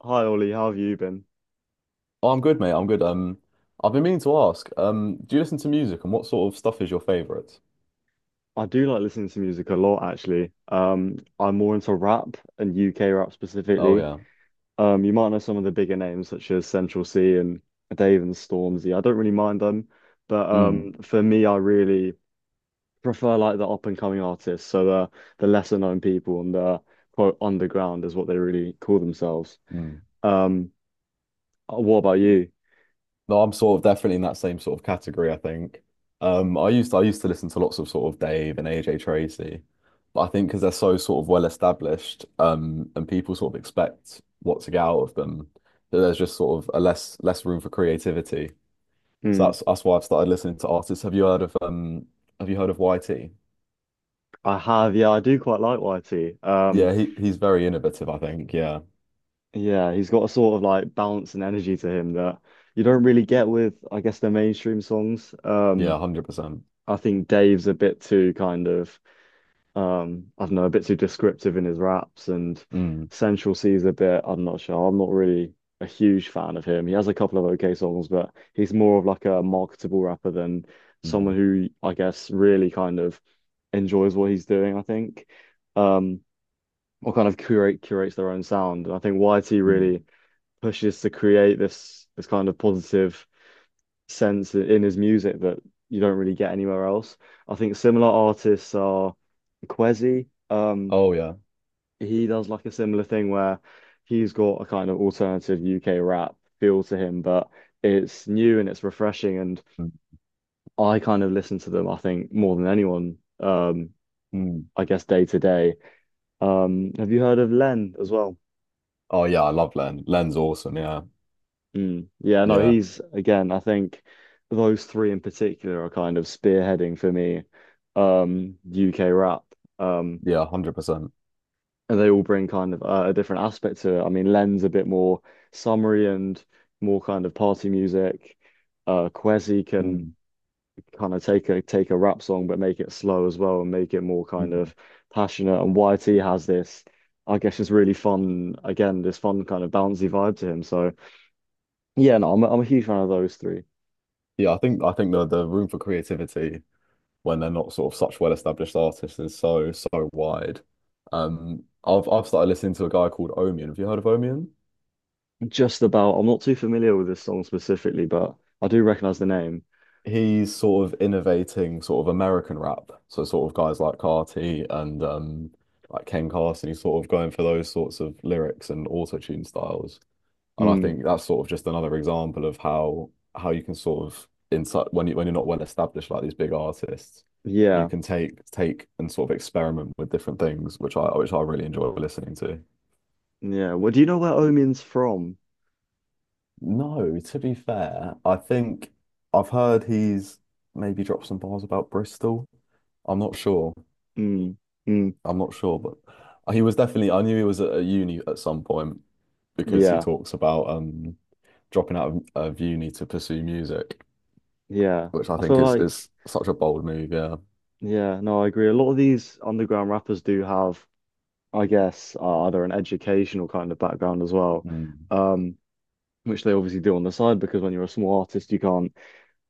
Hi Ollie, how have you been? Oh, I'm good, mate. I'm good. I've been meaning to ask, do you listen to music, and what sort of stuff is your favorite? I do like listening to music a lot actually. I'm more into rap and UK rap Oh specifically. yeah. You might know some of the bigger names such as Central C and Dave and Stormzy. I don't really mind them, but Mm, for me, I really prefer like the up and coming artists, so the lesser known people and the quote underground is what they really call themselves. mm. Um, what about you? No, I'm sort of definitely in that same sort of category, I think. I used to listen to lots of sort of Dave and AJ Tracy, but I think because they're so sort of well established, and people sort of expect what to get out of them, that there's just sort of a less room for creativity. So Hmm. that's why I've started listening to artists. Have you heard of have you heard of YT? I have, yeah, I do quite like YT. Yeah, he's very innovative, I think. Yeah. Yeah, he's got a sort of like balance and energy to him that you don't really get with, I guess, the mainstream songs. Yeah, 100%. I think Dave's a bit too kind of, I don't know, a bit too descriptive in his raps, and Mm, Central C's a bit, I'm not sure. I'm not really a huge fan of him. He has a couple of okay songs, but he's more of like a marketable rapper than someone mm, who I guess really kind of enjoys what he's doing, I think. Um, or kind of curates their own sound. And I think YT mm. really pushes to create this kind of positive sense in his music that you don't really get anywhere else. I think similar artists are Kwezi. Oh, yeah. He does like a similar thing where he's got a kind of alternative UK rap feel to him, but it's new and it's refreshing. And Mm, I kind of listen to them, I think, more than anyone, mm. I guess day to day. Have you heard of Len as well? Oh, yeah, I love Len. Len's awesome. Yeah. Mm. Yeah, no, Yeah. he's again, I think those three in particular are kind of spearheading for me UK rap. Um Yeah, 100%. and they all bring kind of a different aspect to it. I mean, Len's a bit more summery and more kind of party music. Uh, Kwezi can Mm, kind of take a rap song but make it slow as well and make it more kind of mm. passionate. And YT has this, I guess, just really fun, again, this fun kind of bouncy vibe to him. So yeah, no, I'm a huge fan of those three. Yeah, I think the room for creativity when they're not sort of such well-established artists is so wide. I've started listening to a guy called Omian. Have you heard of Omian? Just about. I'm not too familiar with this song specifically, but I do recognize the name. He's sort of innovating sort of American rap. So sort of guys like Carti and like Ken Carson, he's sort of going for those sorts of lyrics and auto-tune styles. And I Hmm. think that's sort of just another example of how you can sort of inside when you when you're not well established like these big artists, you Yeah. can take and sort of experiment with different things, which I really enjoy listening to. Yeah. Well, do you know where Omin's from? No, to be fair, I think I've heard he's maybe dropped some bars about Bristol. I'm not sure. Hmm. Hmm. I'm not sure, but he was definitely. I knew he was at a uni at some point because he Yeah. talks about dropping out of uni to pursue music, Yeah. which I I think feel is like, is such a bold move. Yeah. yeah, no, I agree. A lot of these underground rappers do have, I guess, either an educational kind of background as well, Mm. um, which they obviously do on the side because when you're a small artist, you can't,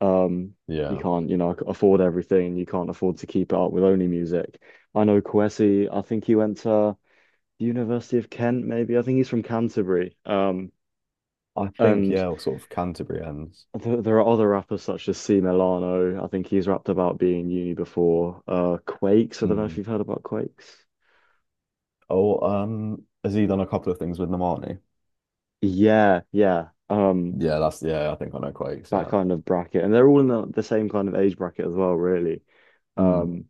um, you Yeah. can't, you know, afford everything. You can't afford to keep it up with only music. I know Kwesi, I think he went to the University of Kent, maybe. I think he's from Canterbury. I think, And yeah, sort of Canterbury ends. th there are other rappers such as C Milano. I think he's rapped about being in uni before. Quakes. I don't know if Mm. you've heard about Quakes. Oh, has he done a couple of things with Normani? Yeah, yeah. Yeah, that's yeah. I think I know Quakes. That Yeah. kind of bracket, and they're all in the same kind of age bracket as well, really. Mm. Um,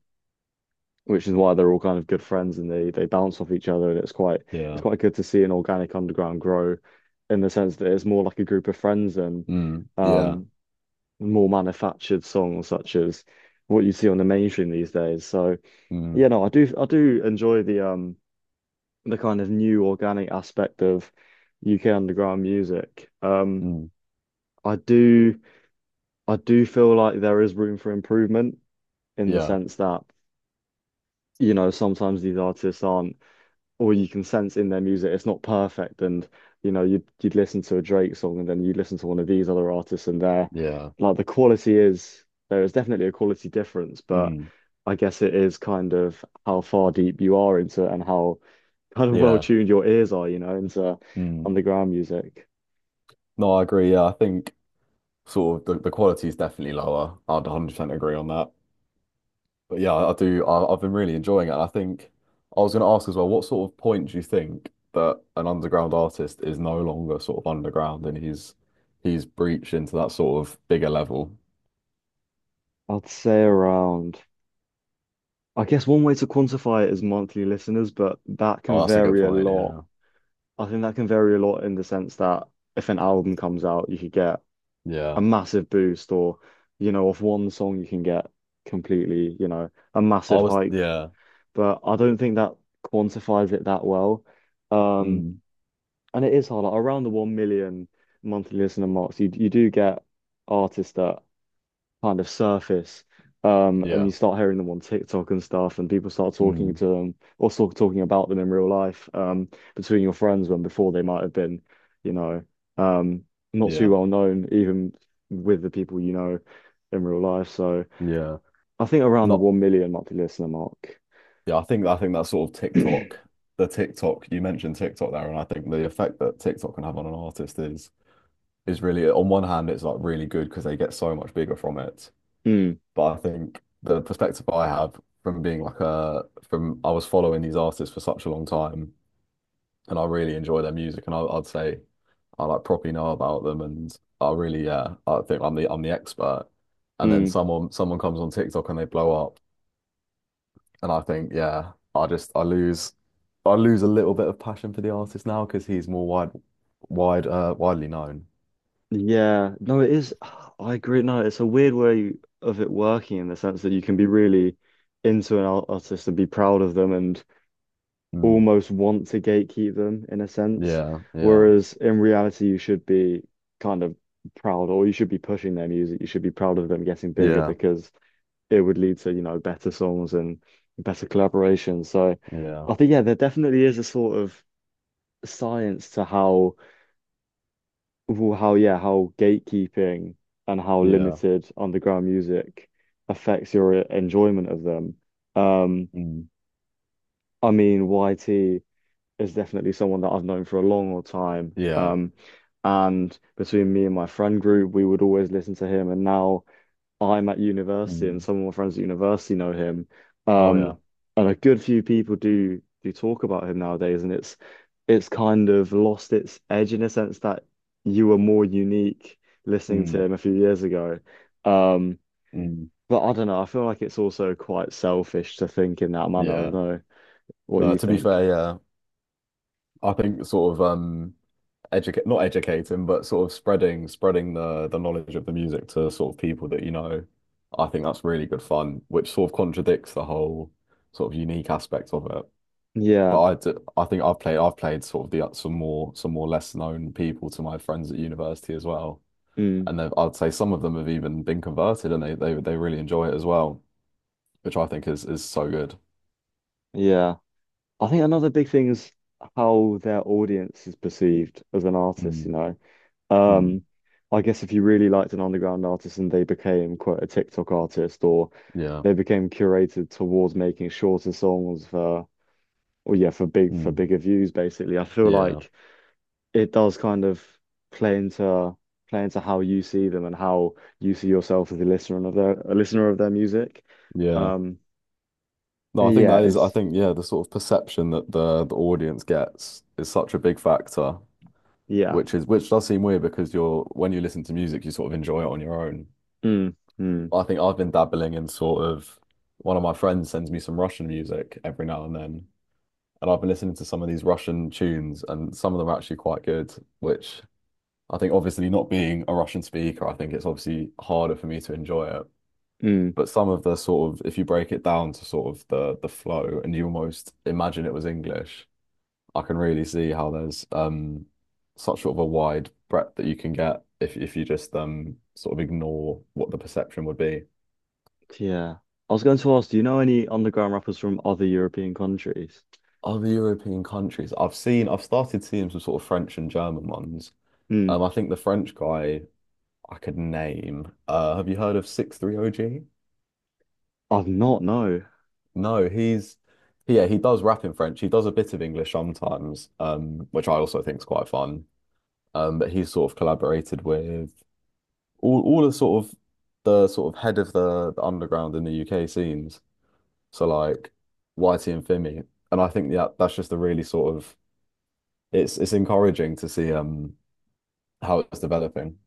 which is why they're all kind of good friends, and they bounce off each other, and it's quite it's Yeah. quite good to see an organic underground grow, in the sense that it's more like a group of friends and Mm. Yeah. um more manufactured songs such as what you see on the mainstream these days. So Mm. yeah, no, I do enjoy the kind of new organic aspect of UK underground music. Mm. I do I do feel like there is room for improvement in the Yeah. sense that, you know, sometimes these artists aren't or you can sense in their music it's not perfect, and you know you'd listen to a Drake song and then you listen to one of these other artists, and they're Yeah. like the quality is there is definitely a quality difference, but Mm. I guess it is kind of how far deep you are into it and how kind of well Yeah. tuned your ears are, you know, into Mm. underground music. No, I agree. Yeah, I think sort of the quality is definitely lower. I'd 100% agree on that. But yeah, I do. I've been really enjoying it. And I think I was going to ask as well, what sort of point do you think that an underground artist is no longer sort of underground and he's breached into that sort of bigger level? I'd say around, I guess one way to quantify it is monthly listeners, but that can Oh, that's a good vary a point. lot. Yeah. I think that can vary a lot in the sense that if an album comes out you could get a Yeah. massive boost, or you know off one song you can get completely, you know, a I massive was, hike, yeah. but I don't think that quantifies it that well. um Mm, and it is hard, like, around the 1 million monthly listener marks you you do get artists that kind of surface. And yeah. you start hearing them on TikTok and stuff, and people start talking Mm, to them or sort of talking about them in real life, between your friends when before they might have been, you know, um, not too yeah. well known, even with the people you know in real life. So Yeah. I think around the Not, 1 million monthly listener mark. yeah. I think that sort of TikTok, you mentioned TikTok there. And I think the effect that TikTok can have on an artist is really, on one hand, it's like really good because they get so much bigger from it. Mm, But I think the perspective I have from being like a from I was following these artists for such a long time, and I really enjoy their music, and I'd say I like properly know about them, and I really yeah I think I'm the expert. And then mm. someone comes on TikTok and they blow up, and I think yeah I just I lose a little bit of passion for the artist now because he's more widely known. Yeah, no, it is. I agree. No, it's a weird way of it working in the sense that you can be really into an artist and be proud of them and Mm. almost want to gatekeep them in a sense. Yeah, yeah, Whereas in reality, you should be kind of proud, or you should be pushing their music. You should be proud of them getting bigger yeah, because it would lead to, you know, better songs and better collaborations. So yeah, I think, yeah, there definitely is a sort of science to how, well, how, yeah, how gatekeeping and how yeah. limited underground music affects your enjoyment of them. Um, Mm. I mean, YT is definitely someone that I've known for a long time. Yeah. And between me and my friend group, we would always listen to him. And now I'm at university, and Mm. some of my friends at university know him. Oh Um, yeah. and a good few people do do talk about him nowadays, and it's kind of lost its edge in a sense that you were more unique listening to Mm, him a few years ago. Um, mm, but I don't know. I feel like it's also quite selfish to think in that manner. I don't yeah. know what No, you to be think. fair, yeah. I think sort of educate, not educating, but sort of spreading the knowledge of the music to sort of people that you know, I think that's really good fun, which sort of contradicts the whole sort of unique aspect of it. But Yeah. I do, I think I've played sort of the some more less known people to my friends at university as well. Mm. And they've- I'd say some of them have even been converted and they they really enjoy it as well, which I think is so good. Yeah. I think another big thing is how their audience is perceived as an artist, you Mm, know. mm, Um, I guess if you really liked an underground artist and they became quote a TikTok artist or yeah. they became curated towards making shorter songs for, or yeah, for Mm. bigger views basically. I feel Yeah, like it does kind of play into play into how you see them and how you see yourself as a listener of their music. yeah. Um, No, I think yeah, that is, I it's think, yeah, the sort of perception that the audience gets is such a big factor, yeah. which is which does seem weird because you're when you listen to music, you sort of enjoy it on your own. Mm, mm, I think I've been dabbling in sort of one of my friends sends me some Russian music every now and then, and I've been listening to some of these Russian tunes, and some of them are actually quite good, which I think, obviously not being a Russian speaker, I think it's obviously harder for me to enjoy it. mm. But some of the sort of if you break it down to sort of the flow and you almost imagine it was English, I can really see how there's such sort of a wide breadth that you can get if you just sort of ignore what the perception would be. Yeah. I was going to ask, do you know any underground rappers from other European countries? Other European countries, I've seen, I've started seeing some sort of French and German ones. Hmm. I think the French guy I could name. Have you heard of 63 OG? I've not, no. No, he's yeah, he does rap in French. He does a bit of English sometimes, which I also think is quite fun. Um, but he's sort of collaborated with all the sort of head of the underground in the UK scenes. So like Whitey and Fimi, and I think that that's just a really sort of it's encouraging to see how it's developing.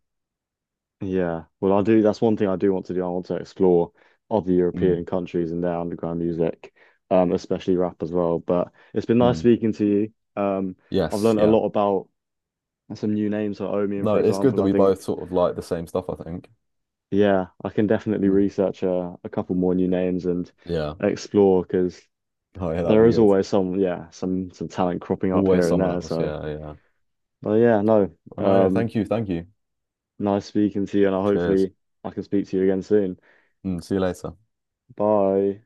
Yeah. Well, I do. That's one thing I do want to do. I want to explore other Mm, European countries and their underground music, especially rap as well. But it's been nice mm. speaking to you. Um, I've Yes, learned a yeah. lot about some new names, like Omian, No, for it's good example. that I we both think, sort of like the same stuff, I think. yeah, I can definitely Mm. research a couple more new names and Yeah. explore because Oh, yeah, that would there be is good. always some, yeah, some talent cropping up Always here and someone there. else. So. Yeah, yeah. But yeah, no. Oh, no, yeah. Um, Thank you. Thank you. Nice speaking to you, and I Cheers. hopefully I can speak to you again soon. Mm, see you later. Bye.